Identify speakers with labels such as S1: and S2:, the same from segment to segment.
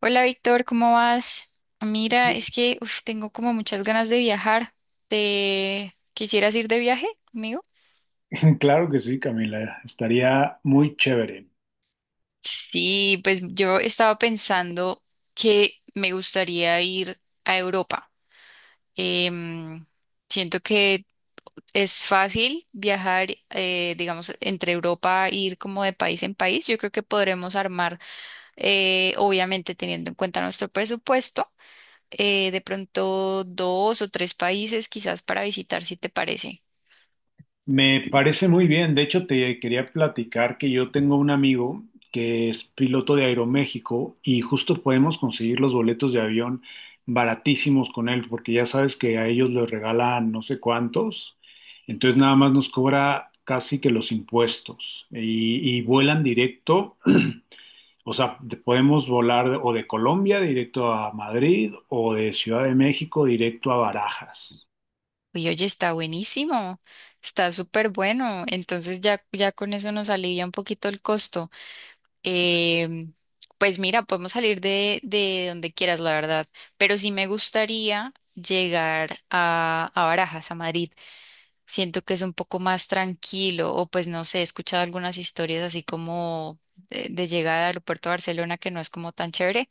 S1: Hola Víctor, ¿cómo vas? Mira, es que uf, tengo como muchas ganas de viajar. ¿Te quisieras ir de viaje conmigo?
S2: Claro que sí, Camila, estaría muy chévere.
S1: Sí, pues yo estaba pensando que me gustaría ir a Europa. Em, Siento que es fácil viajar, digamos, entre Europa, ir como de país en país. Yo creo que podremos armar, obviamente teniendo en cuenta nuestro presupuesto. De pronto dos o tres países quizás para visitar, si te parece.
S2: Me parece muy bien. De hecho, te quería platicar que yo tengo un amigo que es piloto de Aeroméxico y justo podemos conseguir los boletos de avión baratísimos con él, porque ya sabes que a ellos les regalan no sé cuántos. Entonces nada más nos cobra casi que los impuestos y vuelan directo. O sea, podemos volar o de Colombia directo a Madrid o de Ciudad de México directo a Barajas.
S1: Uy, oye, está buenísimo, está súper bueno. Entonces ya, ya con eso nos alivia un poquito el costo. Em, pues mira, podemos salir de donde quieras, la verdad. Pero sí me gustaría llegar a Barajas, a Madrid. Siento que es un poco más tranquilo, o pues no sé, he escuchado algunas historias así como de llegada al aeropuerto de Barcelona que no es como tan chévere,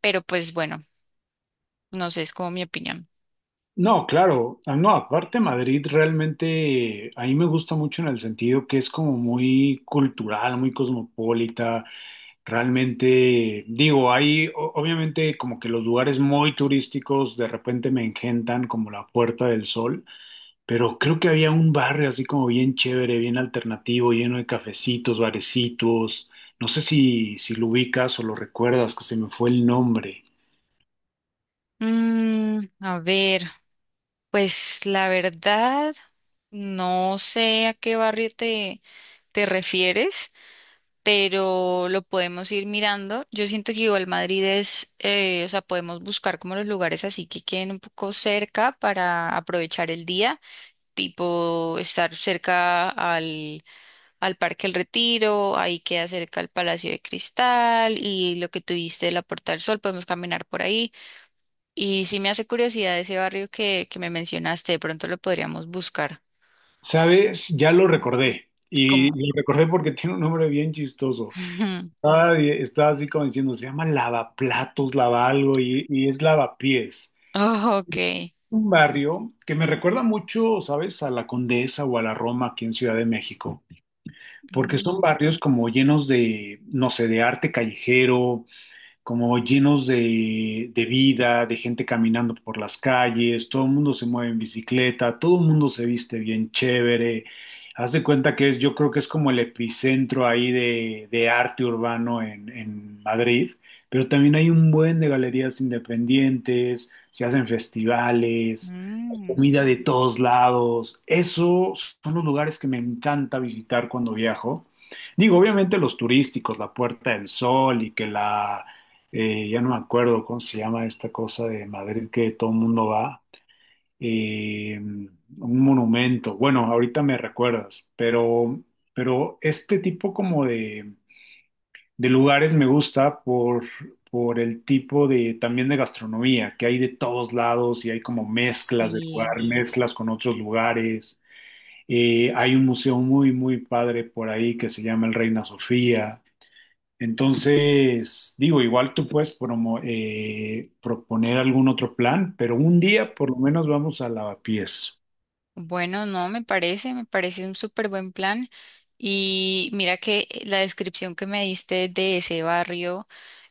S1: pero pues bueno, no sé, es como mi opinión.
S2: No, claro. Ah, no, aparte Madrid realmente a mí me gusta mucho en el sentido que es como muy cultural, muy cosmopolita. Realmente, digo, hay obviamente como que los lugares muy turísticos de repente me engentan como la Puerta del Sol. Pero creo que había un barrio así como bien chévere, bien alternativo, lleno de cafecitos, barecitos. No sé si lo ubicas o lo recuerdas, que se me fue el nombre.
S1: A ver, pues la verdad, no sé a qué barrio te refieres, pero lo podemos ir mirando. Yo siento que igual Madrid es, o sea, podemos buscar como los lugares así que queden un poco cerca para aprovechar el día. Tipo estar cerca al Parque El Retiro, ahí queda cerca el Palacio de Cristal y lo que tuviste de la Puerta del Sol, podemos caminar por ahí. Y sí me hace curiosidad ese barrio que me mencionaste, de pronto lo podríamos buscar.
S2: ¿Sabes? Ya lo recordé. Y
S1: Como.
S2: lo recordé porque tiene un nombre bien chistoso. Estaba así como diciendo, se llama Lavaplatos, Lava algo, y es Lavapiés.
S1: Oh, ok.
S2: Un barrio que me recuerda mucho, ¿sabes? A la Condesa o a la Roma aquí en Ciudad de México. Porque son
S1: Mm,
S2: barrios como llenos de, no sé, de arte callejero, como llenos de, vida, de gente caminando por las calles, todo el mundo se mueve en bicicleta, todo el mundo se viste bien chévere. Haz de cuenta que es, yo creo que es como el epicentro ahí de, arte urbano en Madrid, pero también hay un buen de galerías independientes, se hacen festivales, hay
S1: mm,
S2: comida de todos lados. Esos son los lugares que me encanta visitar cuando viajo. Digo, obviamente los turísticos, la Puerta del Sol y que la ya no me acuerdo cómo se llama esta cosa de Madrid que todo el mundo va, un monumento, bueno, ahorita me recuerdas, pero este tipo como de, lugares me gusta por el tipo de, también de gastronomía, que hay de todos lados y hay como mezclas de lugar,
S1: sí.
S2: mezclas con otros lugares. Hay un museo muy, muy padre por ahí que se llama el Reina Sofía. Entonces, digo, igual tú puedes proponer algún otro plan, pero un día por
S1: Ujú.
S2: lo menos vamos a Lavapiés.
S1: Bueno, no, me parece un súper buen plan. Y mira que la descripción que me diste de ese barrio.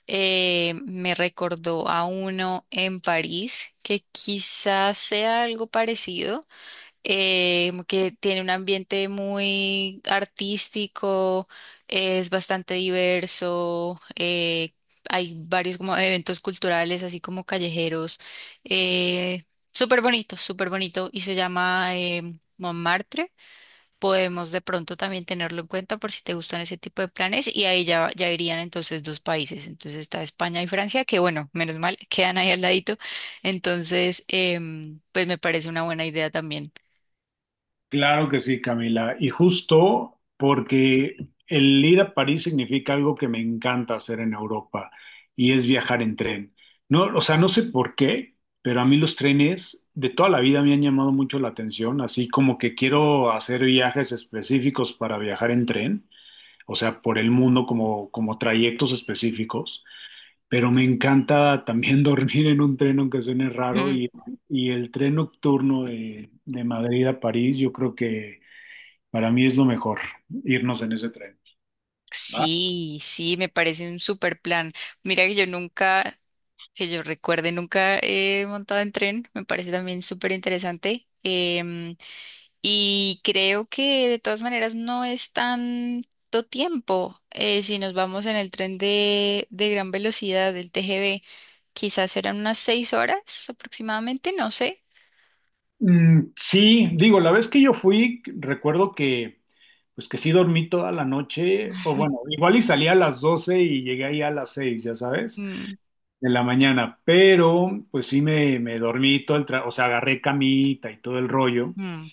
S1: eh, me recordó a uno en París que quizás sea algo parecido, que tiene un ambiente muy artístico, es bastante diverso, hay varios como eventos culturales, así como callejeros, eh, súper bonito, y se llama Montmartre. Podemos de pronto también tenerlo en cuenta por si te gustan ese tipo de planes y ahí ya, ya irían entonces dos países. Entonces está España y Francia, que bueno, menos mal, quedan ahí al ladito. Entonces, pues me parece una buena idea también.
S2: Claro que sí, Camila. Y justo porque el ir a París significa algo que me encanta hacer en Europa y es viajar en tren. No, o sea, no sé por qué, pero a mí los trenes de toda la vida me han llamado mucho la atención, así como que quiero hacer viajes específicos para viajar en tren, o sea, por el mundo como, como trayectos específicos. Pero me encanta también dormir en un tren, aunque suene raro,
S1: Mm.
S2: y el tren nocturno de Madrid a París, yo creo que para mí es lo mejor, irnos en ese tren, ¿va?
S1: Sí, sí, me parece un super plan. Mira que yo nunca, que yo recuerde, nunca he montado en tren, me parece también súper interesante. Y creo que de todas maneras no es tanto tiempo. Si nos vamos en el tren de gran velocidad del TGV, quizás serán unas 6 horas aproximadamente, no sé.
S2: Mm, sí, digo, la vez que yo fui, recuerdo que, pues que sí dormí toda la noche, o bueno, igual y salí a las 12 y llegué ahí a las 6 ya sabes,
S1: Mm,
S2: de la mañana, pero pues sí me dormí todo el o sea, agarré camita y todo el rollo.
S1: mm.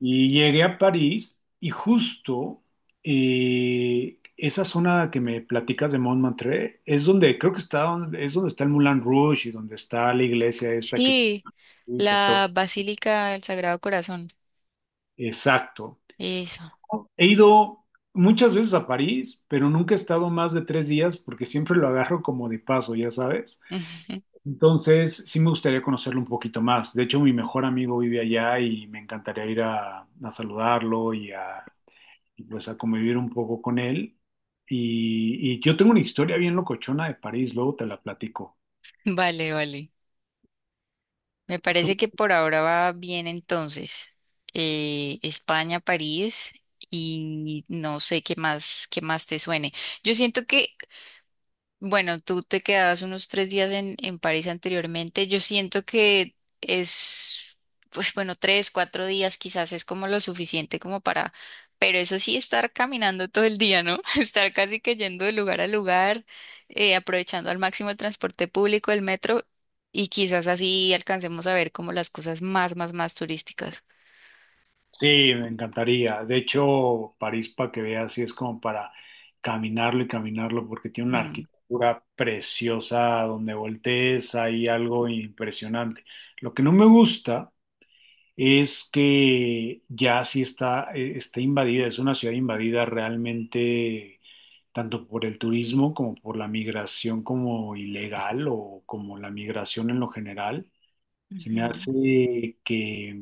S2: Y llegué a París y justo esa zona que me platicas de Montmartre es donde creo que está es donde está el Moulin Rouge y donde está la iglesia esta que es.
S1: Sí, la Basílica del Sagrado Corazón.
S2: Exacto.
S1: Eso.
S2: He ido muchas veces a París, pero nunca he estado más de tres días porque siempre lo agarro como de paso, ya sabes. Entonces sí me gustaría conocerlo un poquito más. De hecho, mi mejor amigo vive allá y me encantaría ir a saludarlo y a, y pues a convivir un poco con él. Y yo tengo una historia bien locochona de París, luego te la platico.
S1: Vale, vale. Me
S2: ¿Tú?
S1: parece que por ahora va bien entonces. España, París y no sé qué más te suene. Yo siento que bueno, tú te quedabas unos 3 días en París anteriormente. Yo siento que es, pues bueno, 3, 4 días quizás es como lo suficiente como para, pero eso sí, estar caminando todo el día, ¿no? Estar casi que yendo de lugar a lugar, aprovechando al máximo el transporte público, el metro, y quizás así alcancemos a ver como las cosas más, más, más turísticas.
S2: Sí, me encantaría. De hecho, París, para que veas, sí es como para caminarlo y caminarlo, porque tiene una
S1: Mm.
S2: arquitectura preciosa donde voltees, hay algo impresionante. Lo que no me gusta es que ya sí está, está invadida, es una ciudad invadida realmente tanto por el turismo como por la migración como ilegal o como la migración en lo general. Se me
S1: Ujú.
S2: hace que,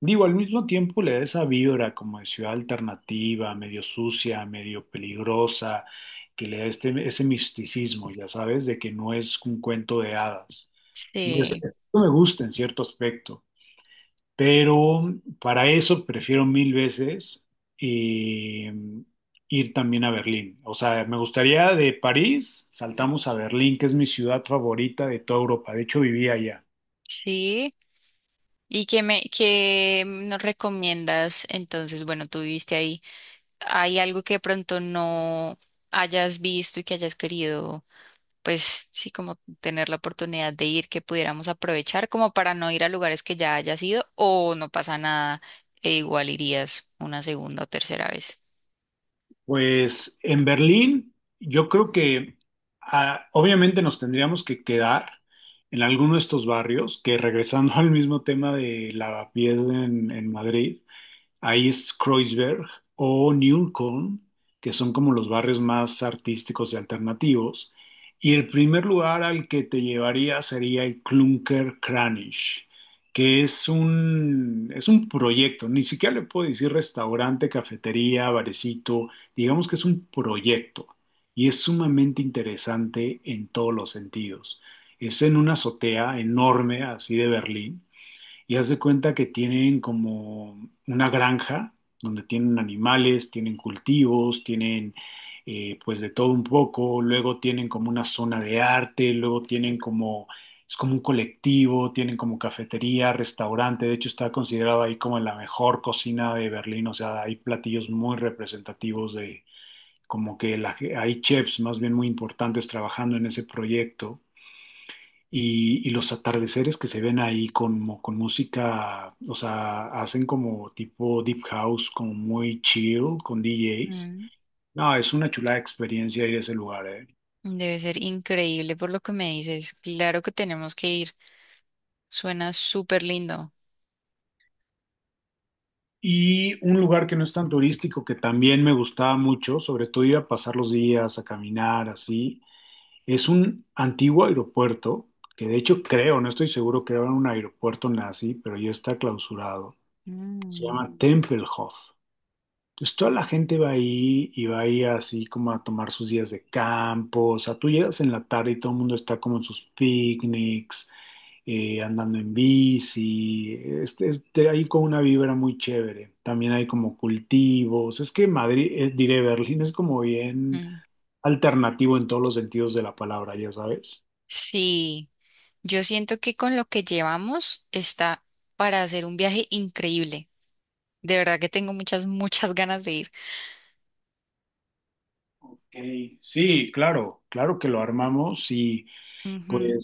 S2: digo, al mismo tiempo le da esa vibra como de ciudad alternativa, medio sucia, medio peligrosa, que le da este, ese misticismo, ya sabes, de que no es un cuento de hadas. Y eso,
S1: Sí,
S2: eso me gusta en cierto aspecto. Pero para eso prefiero mil veces eh, ir también a Berlín. O sea, me gustaría de París, saltamos a Berlín, que es mi ciudad favorita de toda Europa. De hecho, vivía allá.
S1: sí. ¿Y qué nos recomiendas entonces? Bueno, tú viviste ahí. Hay algo que de pronto no hayas visto y que hayas querido, pues sí, como tener la oportunidad de ir, que pudiéramos aprovechar como para no ir a lugares que ya hayas ido o no pasa nada e igual irías una segunda o tercera vez.
S2: Pues en Berlín, yo creo que obviamente nos tendríamos que quedar en alguno de estos barrios, que regresando al mismo tema de Lavapiés en, Madrid, ahí es Kreuzberg o Neukölln, que son como los barrios más artísticos y alternativos. Y el primer lugar al que te llevaría sería el Klunker Kranich, que es un proyecto, ni siquiera le puedo decir restaurante, cafetería, barecito, digamos que es un proyecto y es sumamente interesante en todos los sentidos. Es en una azotea enorme, así de Berlín, y haz de cuenta que tienen como una granja donde tienen animales, tienen cultivos, tienen pues de todo un poco, luego tienen como una zona de arte, luego tienen como, es como un colectivo, tienen como cafetería, restaurante, de hecho está considerado ahí como la mejor cocina de Berlín, o sea, hay platillos muy representativos de como que hay chefs más bien muy importantes trabajando en ese proyecto y los atardeceres que se ven ahí con música, o sea, hacen como tipo deep house, como muy chill con DJs.
S1: Mm.
S2: No, es una chulada experiencia ir a ese lugar, ¿eh?
S1: Debe ser increíble por lo que me dices. Claro que tenemos que ir. Suena súper lindo.
S2: Y un lugar que no es tan turístico, que también me gustaba mucho, sobre todo iba a pasar los días a caminar así, es un antiguo aeropuerto, que de hecho creo, no estoy seguro que era un aeropuerto nazi, pero ya está clausurado. Se
S1: Mm.
S2: llama Tempelhof. Entonces toda la gente va ahí y va ahí así como a tomar sus días de campo. O sea, tú llegas en la tarde y todo el mundo está como en sus picnics, andando en bici. Ahí con una vibra muy chévere. También hay como cultivos. Es que Madrid, diré, Berlín es como bien
S1: Mm.
S2: alternativo en todos los sentidos de la palabra, ya sabes.
S1: Sí, yo siento que con lo que llevamos está para hacer un viaje increíble. De verdad que tengo muchas, muchas ganas de ir.
S2: Ok, sí, claro. Claro que lo armamos, sí. Pues,
S1: Ujú.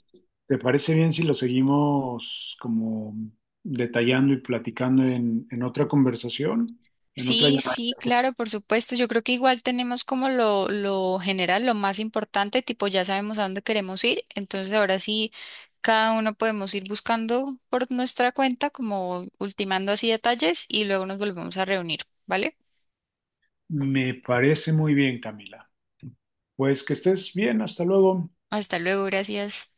S2: ¿te parece bien si lo seguimos como detallando y platicando en, otra conversación, en otra
S1: Sí,
S2: llamada?
S1: sí, claro, por supuesto. Yo creo que igual tenemos como lo general, lo más importante, tipo ya sabemos a dónde queremos ir. Entonces ahora sí, cada uno podemos ir buscando por nuestra cuenta, como ultimando así detalles y luego nos volvemos a reunir, ¿vale?
S2: Me parece muy bien, Camila. Pues que estés bien, hasta luego.
S1: Hasta luego, gracias.